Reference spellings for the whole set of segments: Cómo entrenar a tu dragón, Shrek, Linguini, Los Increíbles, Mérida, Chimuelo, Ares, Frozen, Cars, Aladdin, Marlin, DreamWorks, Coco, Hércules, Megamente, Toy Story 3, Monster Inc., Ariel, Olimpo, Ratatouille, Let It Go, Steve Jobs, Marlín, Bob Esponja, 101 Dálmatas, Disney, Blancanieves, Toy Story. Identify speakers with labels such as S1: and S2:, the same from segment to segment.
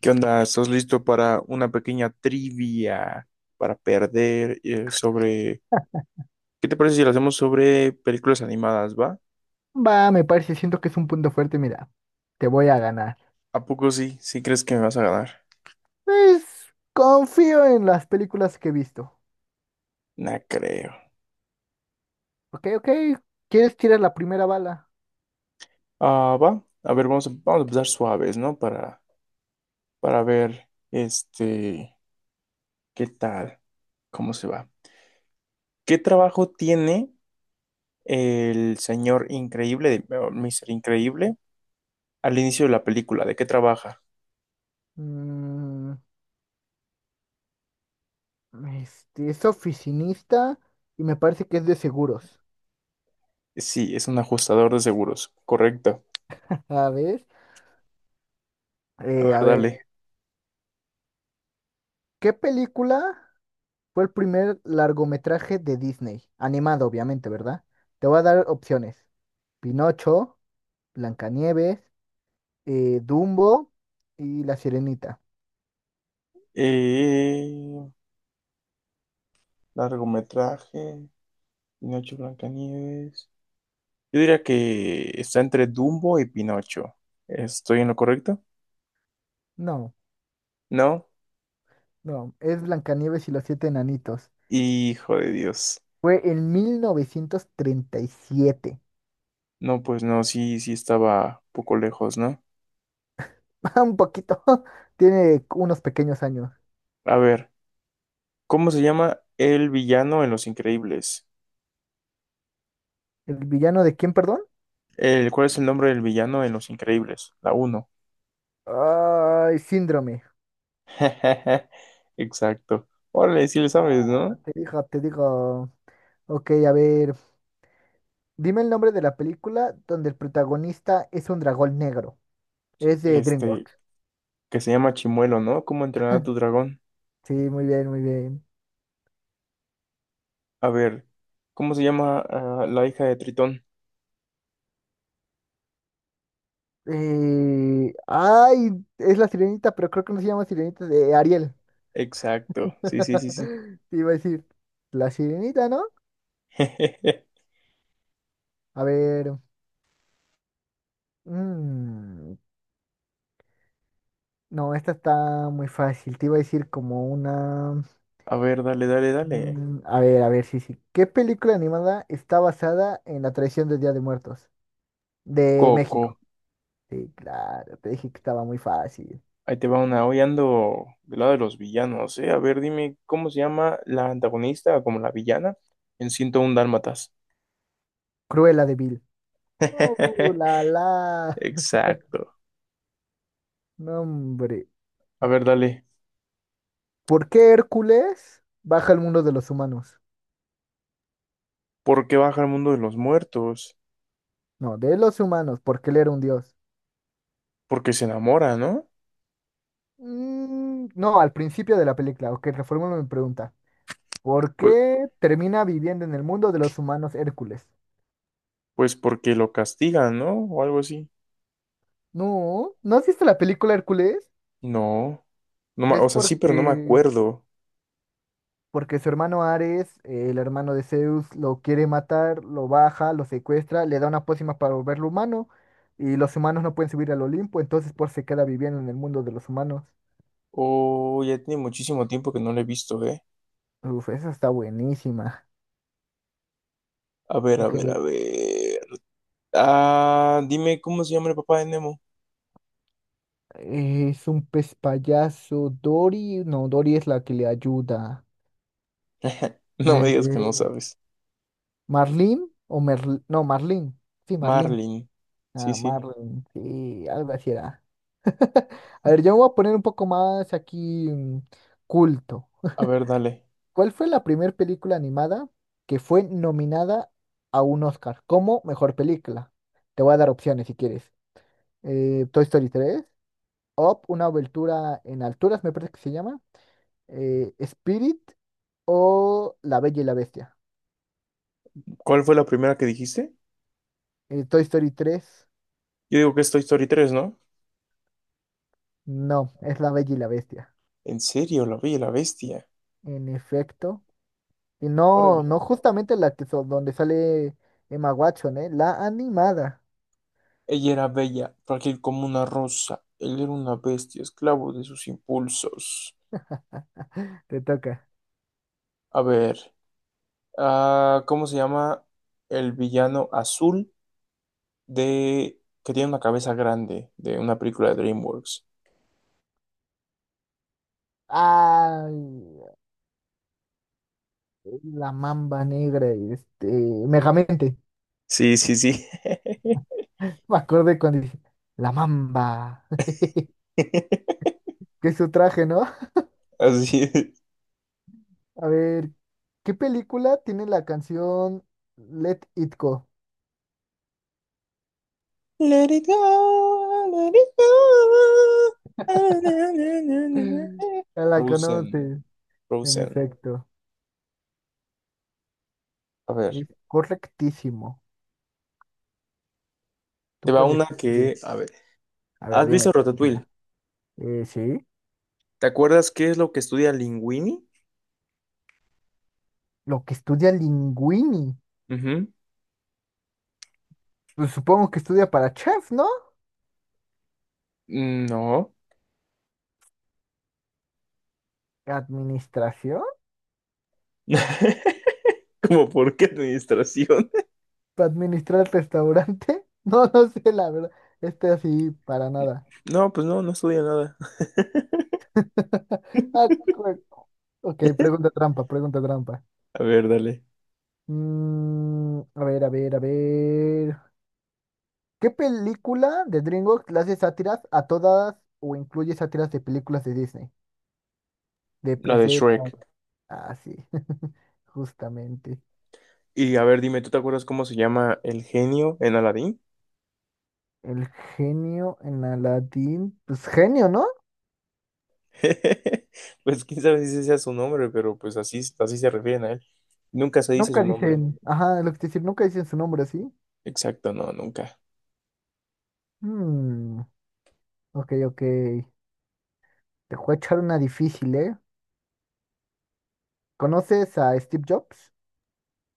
S1: ¿Qué onda? ¿Estás listo para una pequeña trivia para perder sobre... ¿Qué te parece si lo hacemos sobre películas animadas, va?
S2: Va, me parece, siento que es un punto fuerte, mira, te voy a ganar.
S1: ¿A poco sí? ¿Sí crees que me vas a ganar?
S2: Pues confío en las películas que he visto.
S1: No creo.
S2: Ok, ok, ¿quieres tirar la primera bala?
S1: Ah, va. A ver, vamos a empezar suaves, ¿no? Para ver, qué tal, cómo se va. ¿Qué trabajo tiene el señor increíble, o Mr. Increíble, al inicio de la película? ¿De qué trabaja?
S2: Mm, es oficinista y me parece que es de seguros.
S1: Sí, es un ajustador de seguros. Correcto.
S2: A ver,
S1: A ver,
S2: a ver,
S1: dale.
S2: ¿qué película fue el primer largometraje de Disney? Animado, obviamente, ¿verdad? Te voy a dar opciones. Pinocho, Blancanieves, Dumbo y La Sirenita.
S1: Eh, largometraje, Pinocho Blancanieves. Yo diría que está entre Dumbo y Pinocho. ¿Estoy en lo correcto?
S2: No.
S1: ¿No?
S2: No, es Blancanieves y los siete enanitos.
S1: Hijo de Dios.
S2: Fue en 1937.
S1: No, pues no, sí, sí estaba un poco lejos, ¿no?
S2: Un poquito. Tiene unos pequeños años.
S1: A ver, ¿cómo se llama el villano en Los Increíbles?
S2: ¿El villano de quién, perdón?
S1: El, ¿cuál es el nombre del villano en Los Increíbles? La uno.
S2: Ay, síndrome.
S1: Exacto. Órale, sí le sabes,
S2: Ah,
S1: ¿no?
S2: te digo, te digo. Ok, a ver. Dime el nombre de la película donde el protagonista es un dragón negro. Es de
S1: Este,
S2: DreamWorks.
S1: que se llama Chimuelo, ¿no? ¿Cómo entrenar a tu dragón?
S2: Sí, muy bien, muy bien.
S1: A ver, ¿cómo se llama la hija de Tritón?
S2: Ay, es la sirenita, pero creo que no se llama sirenita, de Ariel.
S1: Exacto, sí, sí, sí, sí.
S2: Te iba a decir, la sirenita, ¿no? A ver. mm, no, esta está muy fácil. Te iba a decir como una.
S1: A ver, dale, dale, dale.
S2: A ver, a ver, sí, sí. ¿Qué película animada está basada en la tradición del Día de Muertos? De
S1: Coco,
S2: México. Sí, claro, te dije que estaba muy fácil.
S1: ahí te va una. Hoy ando del lado de los villanos, ¿eh? A ver, dime, ¿cómo se llama la antagonista, como la villana, en 101 Dálmatas?
S2: Cruella de Vil. Oh, la la.
S1: Exacto.
S2: No, hombre.
S1: A ver, dale.
S2: ¿Por qué Hércules baja al mundo de los humanos?
S1: ¿Por qué baja al mundo de los muertos?
S2: No, de los humanos, porque él era un dios.
S1: Porque se enamora, ¿no?
S2: No, al principio de la película. Ok, reformulo mi pregunta. ¿Por
S1: Pues,
S2: qué termina viviendo en el mundo de los humanos Hércules?
S1: pues porque lo castigan, ¿no? O algo así.
S2: No, ¿no has visto la película Hércules?
S1: No. No, o
S2: Es
S1: sea, sí, pero no me
S2: porque,
S1: acuerdo.
S2: porque su hermano Ares, el hermano de Zeus, lo quiere matar, lo baja, lo secuestra, le da una pócima para volverlo humano y los humanos no pueden subir al Olimpo, entonces por se queda viviendo en el mundo de los humanos.
S1: Oh, ya tiene muchísimo tiempo que no la he visto, ¿eh?
S2: Uf, esa está buenísima.
S1: A ver, a
S2: Ok.
S1: ver, a ver. Ah, dime cómo se llama el papá de Nemo.
S2: Es un pez payaso. Dory, no, Dory es la que le ayuda.
S1: No me digas que no
S2: Eh,
S1: sabes.
S2: ¿Marlín o no, Marlín? Sí, Marlín.
S1: Marlin. Sí,
S2: Ah,
S1: sí.
S2: Marlin. Sí, algo así era. A ver, yo me voy a poner un poco más aquí culto.
S1: A ver, dale.
S2: ¿Cuál fue la primera película animada que fue nominada a un Oscar como mejor película? Te voy a dar opciones si quieres. Toy Story 3, Up, una aventura en alturas, me parece que se llama, Spirit o La Bella y la Bestia.
S1: ¿Cuál fue la primera que dijiste?
S2: Toy Story tres,
S1: Yo digo que es Toy Story 3, ¿no?
S2: no, es La Bella y la Bestia.
S1: En serio, la Bella y la Bestia.
S2: En efecto. Y no,
S1: Órale.
S2: no justamente la que donde sale Emma Watson, ¿eh? La animada.
S1: Ella era bella, frágil como una rosa. Él era una bestia, esclavo de sus impulsos.
S2: Te toca.
S1: A ver, ¿cómo se llama el villano azul de que tiene una cabeza grande de una película de DreamWorks?
S2: Ay, la mamba negra, Megamente.
S1: Sí, sí, sí.
S2: Me acordé cuando dije, la mamba. Que es su traje, ¿no?
S1: Así es.
S2: A ver, ¿qué película tiene la canción Let It Go?
S1: Let it go, let it go. Ah, na, na, na, na, na.
S2: Ya la
S1: Frozen,
S2: conoces. En
S1: Frozen.
S2: efecto,
S1: A ver,
S2: es correctísimo. Tú
S1: te va
S2: puedes,
S1: una
S2: tú puedes.
S1: que, a ver,
S2: A ver,
S1: ¿has visto
S2: dímela, dímela.
S1: Ratatouille?
S2: Sí.
S1: ¿Te acuerdas qué es lo que estudia Linguini?
S2: Lo que estudia Linguini.
S1: Ujú.
S2: Pues supongo que estudia para chef, ¿no?
S1: No.
S2: ¿Administración?
S1: ¿Cómo por qué administración?
S2: ¿Para administrar el restaurante? No, no sé, la verdad. Este así, para nada.
S1: No, pues no, no estudia nada.
S2: Ah, ok, pregunta trampa, pregunta trampa.
S1: A ver, dale.
S2: A ver, a ver, a ver. ¿Qué película de DreamWorks le hace sátiras a todas o incluye sátiras de películas de Disney? De
S1: La de
S2: princesa.
S1: Shrek.
S2: Ah, sí, justamente.
S1: Y a ver, dime, ¿tú te acuerdas cómo se llama el genio en Aladdin?
S2: El genio en Aladdin, pues genio, ¿no?
S1: Pues quién sabe si ese sea su nombre, pero pues así, así se refieren a él. Nunca se dice
S2: Nunca
S1: su nombre.
S2: dicen, ajá, lo que te decir, nunca dicen su nombre así.
S1: Exacto, no, nunca.
S2: Hmm, ok, ok. Te voy a echar una difícil, ¿eh? ¿Conoces a Steve Jobs?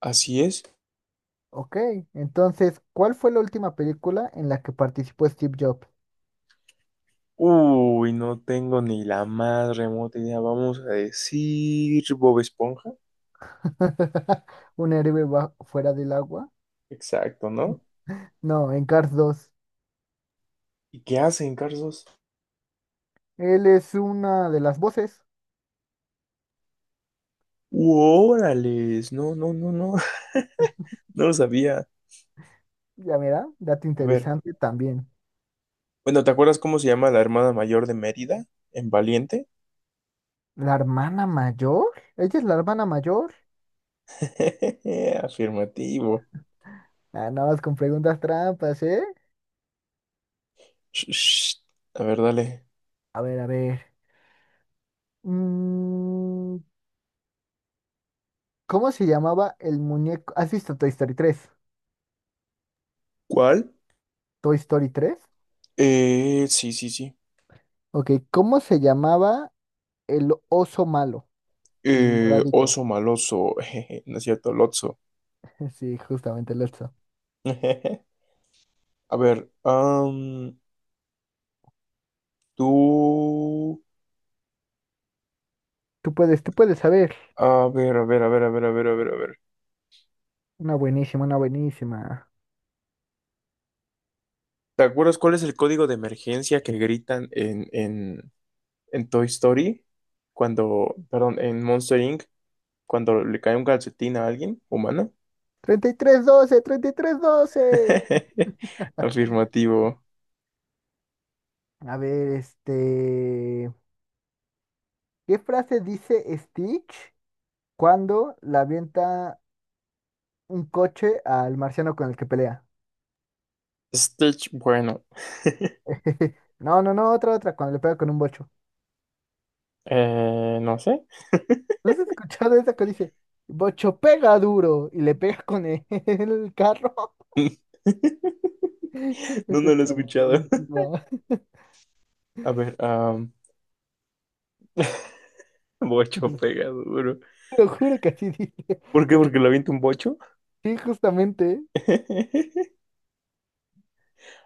S1: Así es.
S2: Ok, entonces, ¿cuál fue la última película en la que participó Steve Jobs?
S1: Uy, no tengo ni la más remota idea. Vamos a decir Bob Esponja.
S2: ¿Un héroe fuera del agua?
S1: Exacto, ¿no?
S2: No, en Cars 2.
S1: ¿Y qué hacen, Carlos?
S2: Él es una de las voces,
S1: ¡Órales! No, no, no, no. No lo sabía.
S2: ya mira, dato
S1: A ver.
S2: interesante también.
S1: Bueno, ¿te acuerdas cómo se llama la hermana mayor de Mérida? ¿En Valiente?
S2: ¿La hermana mayor? ¿Ella es la hermana mayor?
S1: Afirmativo.
S2: Ah, nada más con preguntas trampas, ¿eh?
S1: Sh- sh. A ver, dale.
S2: A ver, a ver. Mm, ¿Cómo se llamaba el muñeco? ¿Has visto Toy Story 3?
S1: ¿Cuál?
S2: ¿Toy Story 3?
S1: Sí, sí, sí.
S2: Ok, ¿cómo se llamaba el oso malo? El moradito.
S1: Oso maloso. Jeje, no es cierto, Lotso.
S2: Sí, justamente el oso.
S1: A ver, am, tú.
S2: Tú puedes saber.
S1: A ver, a ver, a ver, a ver, a ver, a ver, a ver.
S2: Una buenísima, una buenísima.
S1: ¿Te acuerdas cuál es el código de emergencia que gritan en Toy Story, cuando, perdón, en Monster Inc., cuando le cae un calcetín a alguien humana.
S2: 3312, 3312.
S1: Afirmativo.
S2: A ver, ¿Qué frase dice Stitch, cuando la avienta un coche al marciano con el que pelea?
S1: Stitch, bueno,
S2: No, no, no, otra, otra, cuando le pega con un bocho.
S1: no sé.
S2: ¿No has escuchado esa que dice, bocho pega duro, y le pega con el, el carro?
S1: No,
S2: Eso
S1: no lo he
S2: está
S1: escuchado.
S2: buenísimo.
S1: A ver, am, bocho pega duro.
S2: Te lo juro que así dice.
S1: ¿Por qué?
S2: Eso-
S1: Porque le avienta un bocho.
S2: Sí, justamente.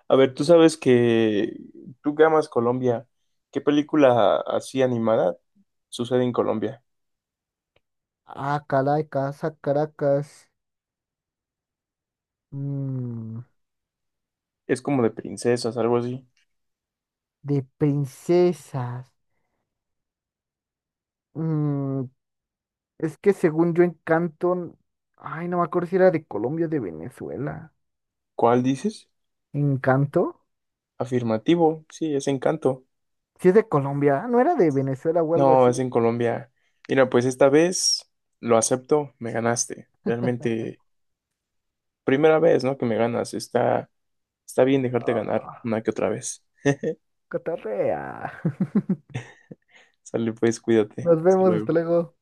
S1: A ver, tú sabes que tú que amas Colombia, ¿qué película así animada sucede en Colombia?
S2: Ah, Caracas, ah, Caracas. Mm,
S1: Es como de princesas, algo así.
S2: de princesas. Mm, Es que según yo, Encanto, ay, no me acuerdo si era de Colombia o de Venezuela.
S1: ¿Cuál dices?
S2: ¿Encanto?
S1: Afirmativo, sí, es Encanto.
S2: Si es de Colombia, ¿no era de Venezuela o algo
S1: No, es
S2: así?
S1: en Colombia. Mira, pues esta vez lo acepto, me ganaste. Realmente, primera vez, ¿no? Que me ganas. Está, está bien dejarte ganar
S2: Ah,
S1: una que otra vez.
S2: cotorrea.
S1: Sale pues, cuídate.
S2: Nos
S1: Hasta
S2: vemos, hasta
S1: luego.
S2: luego.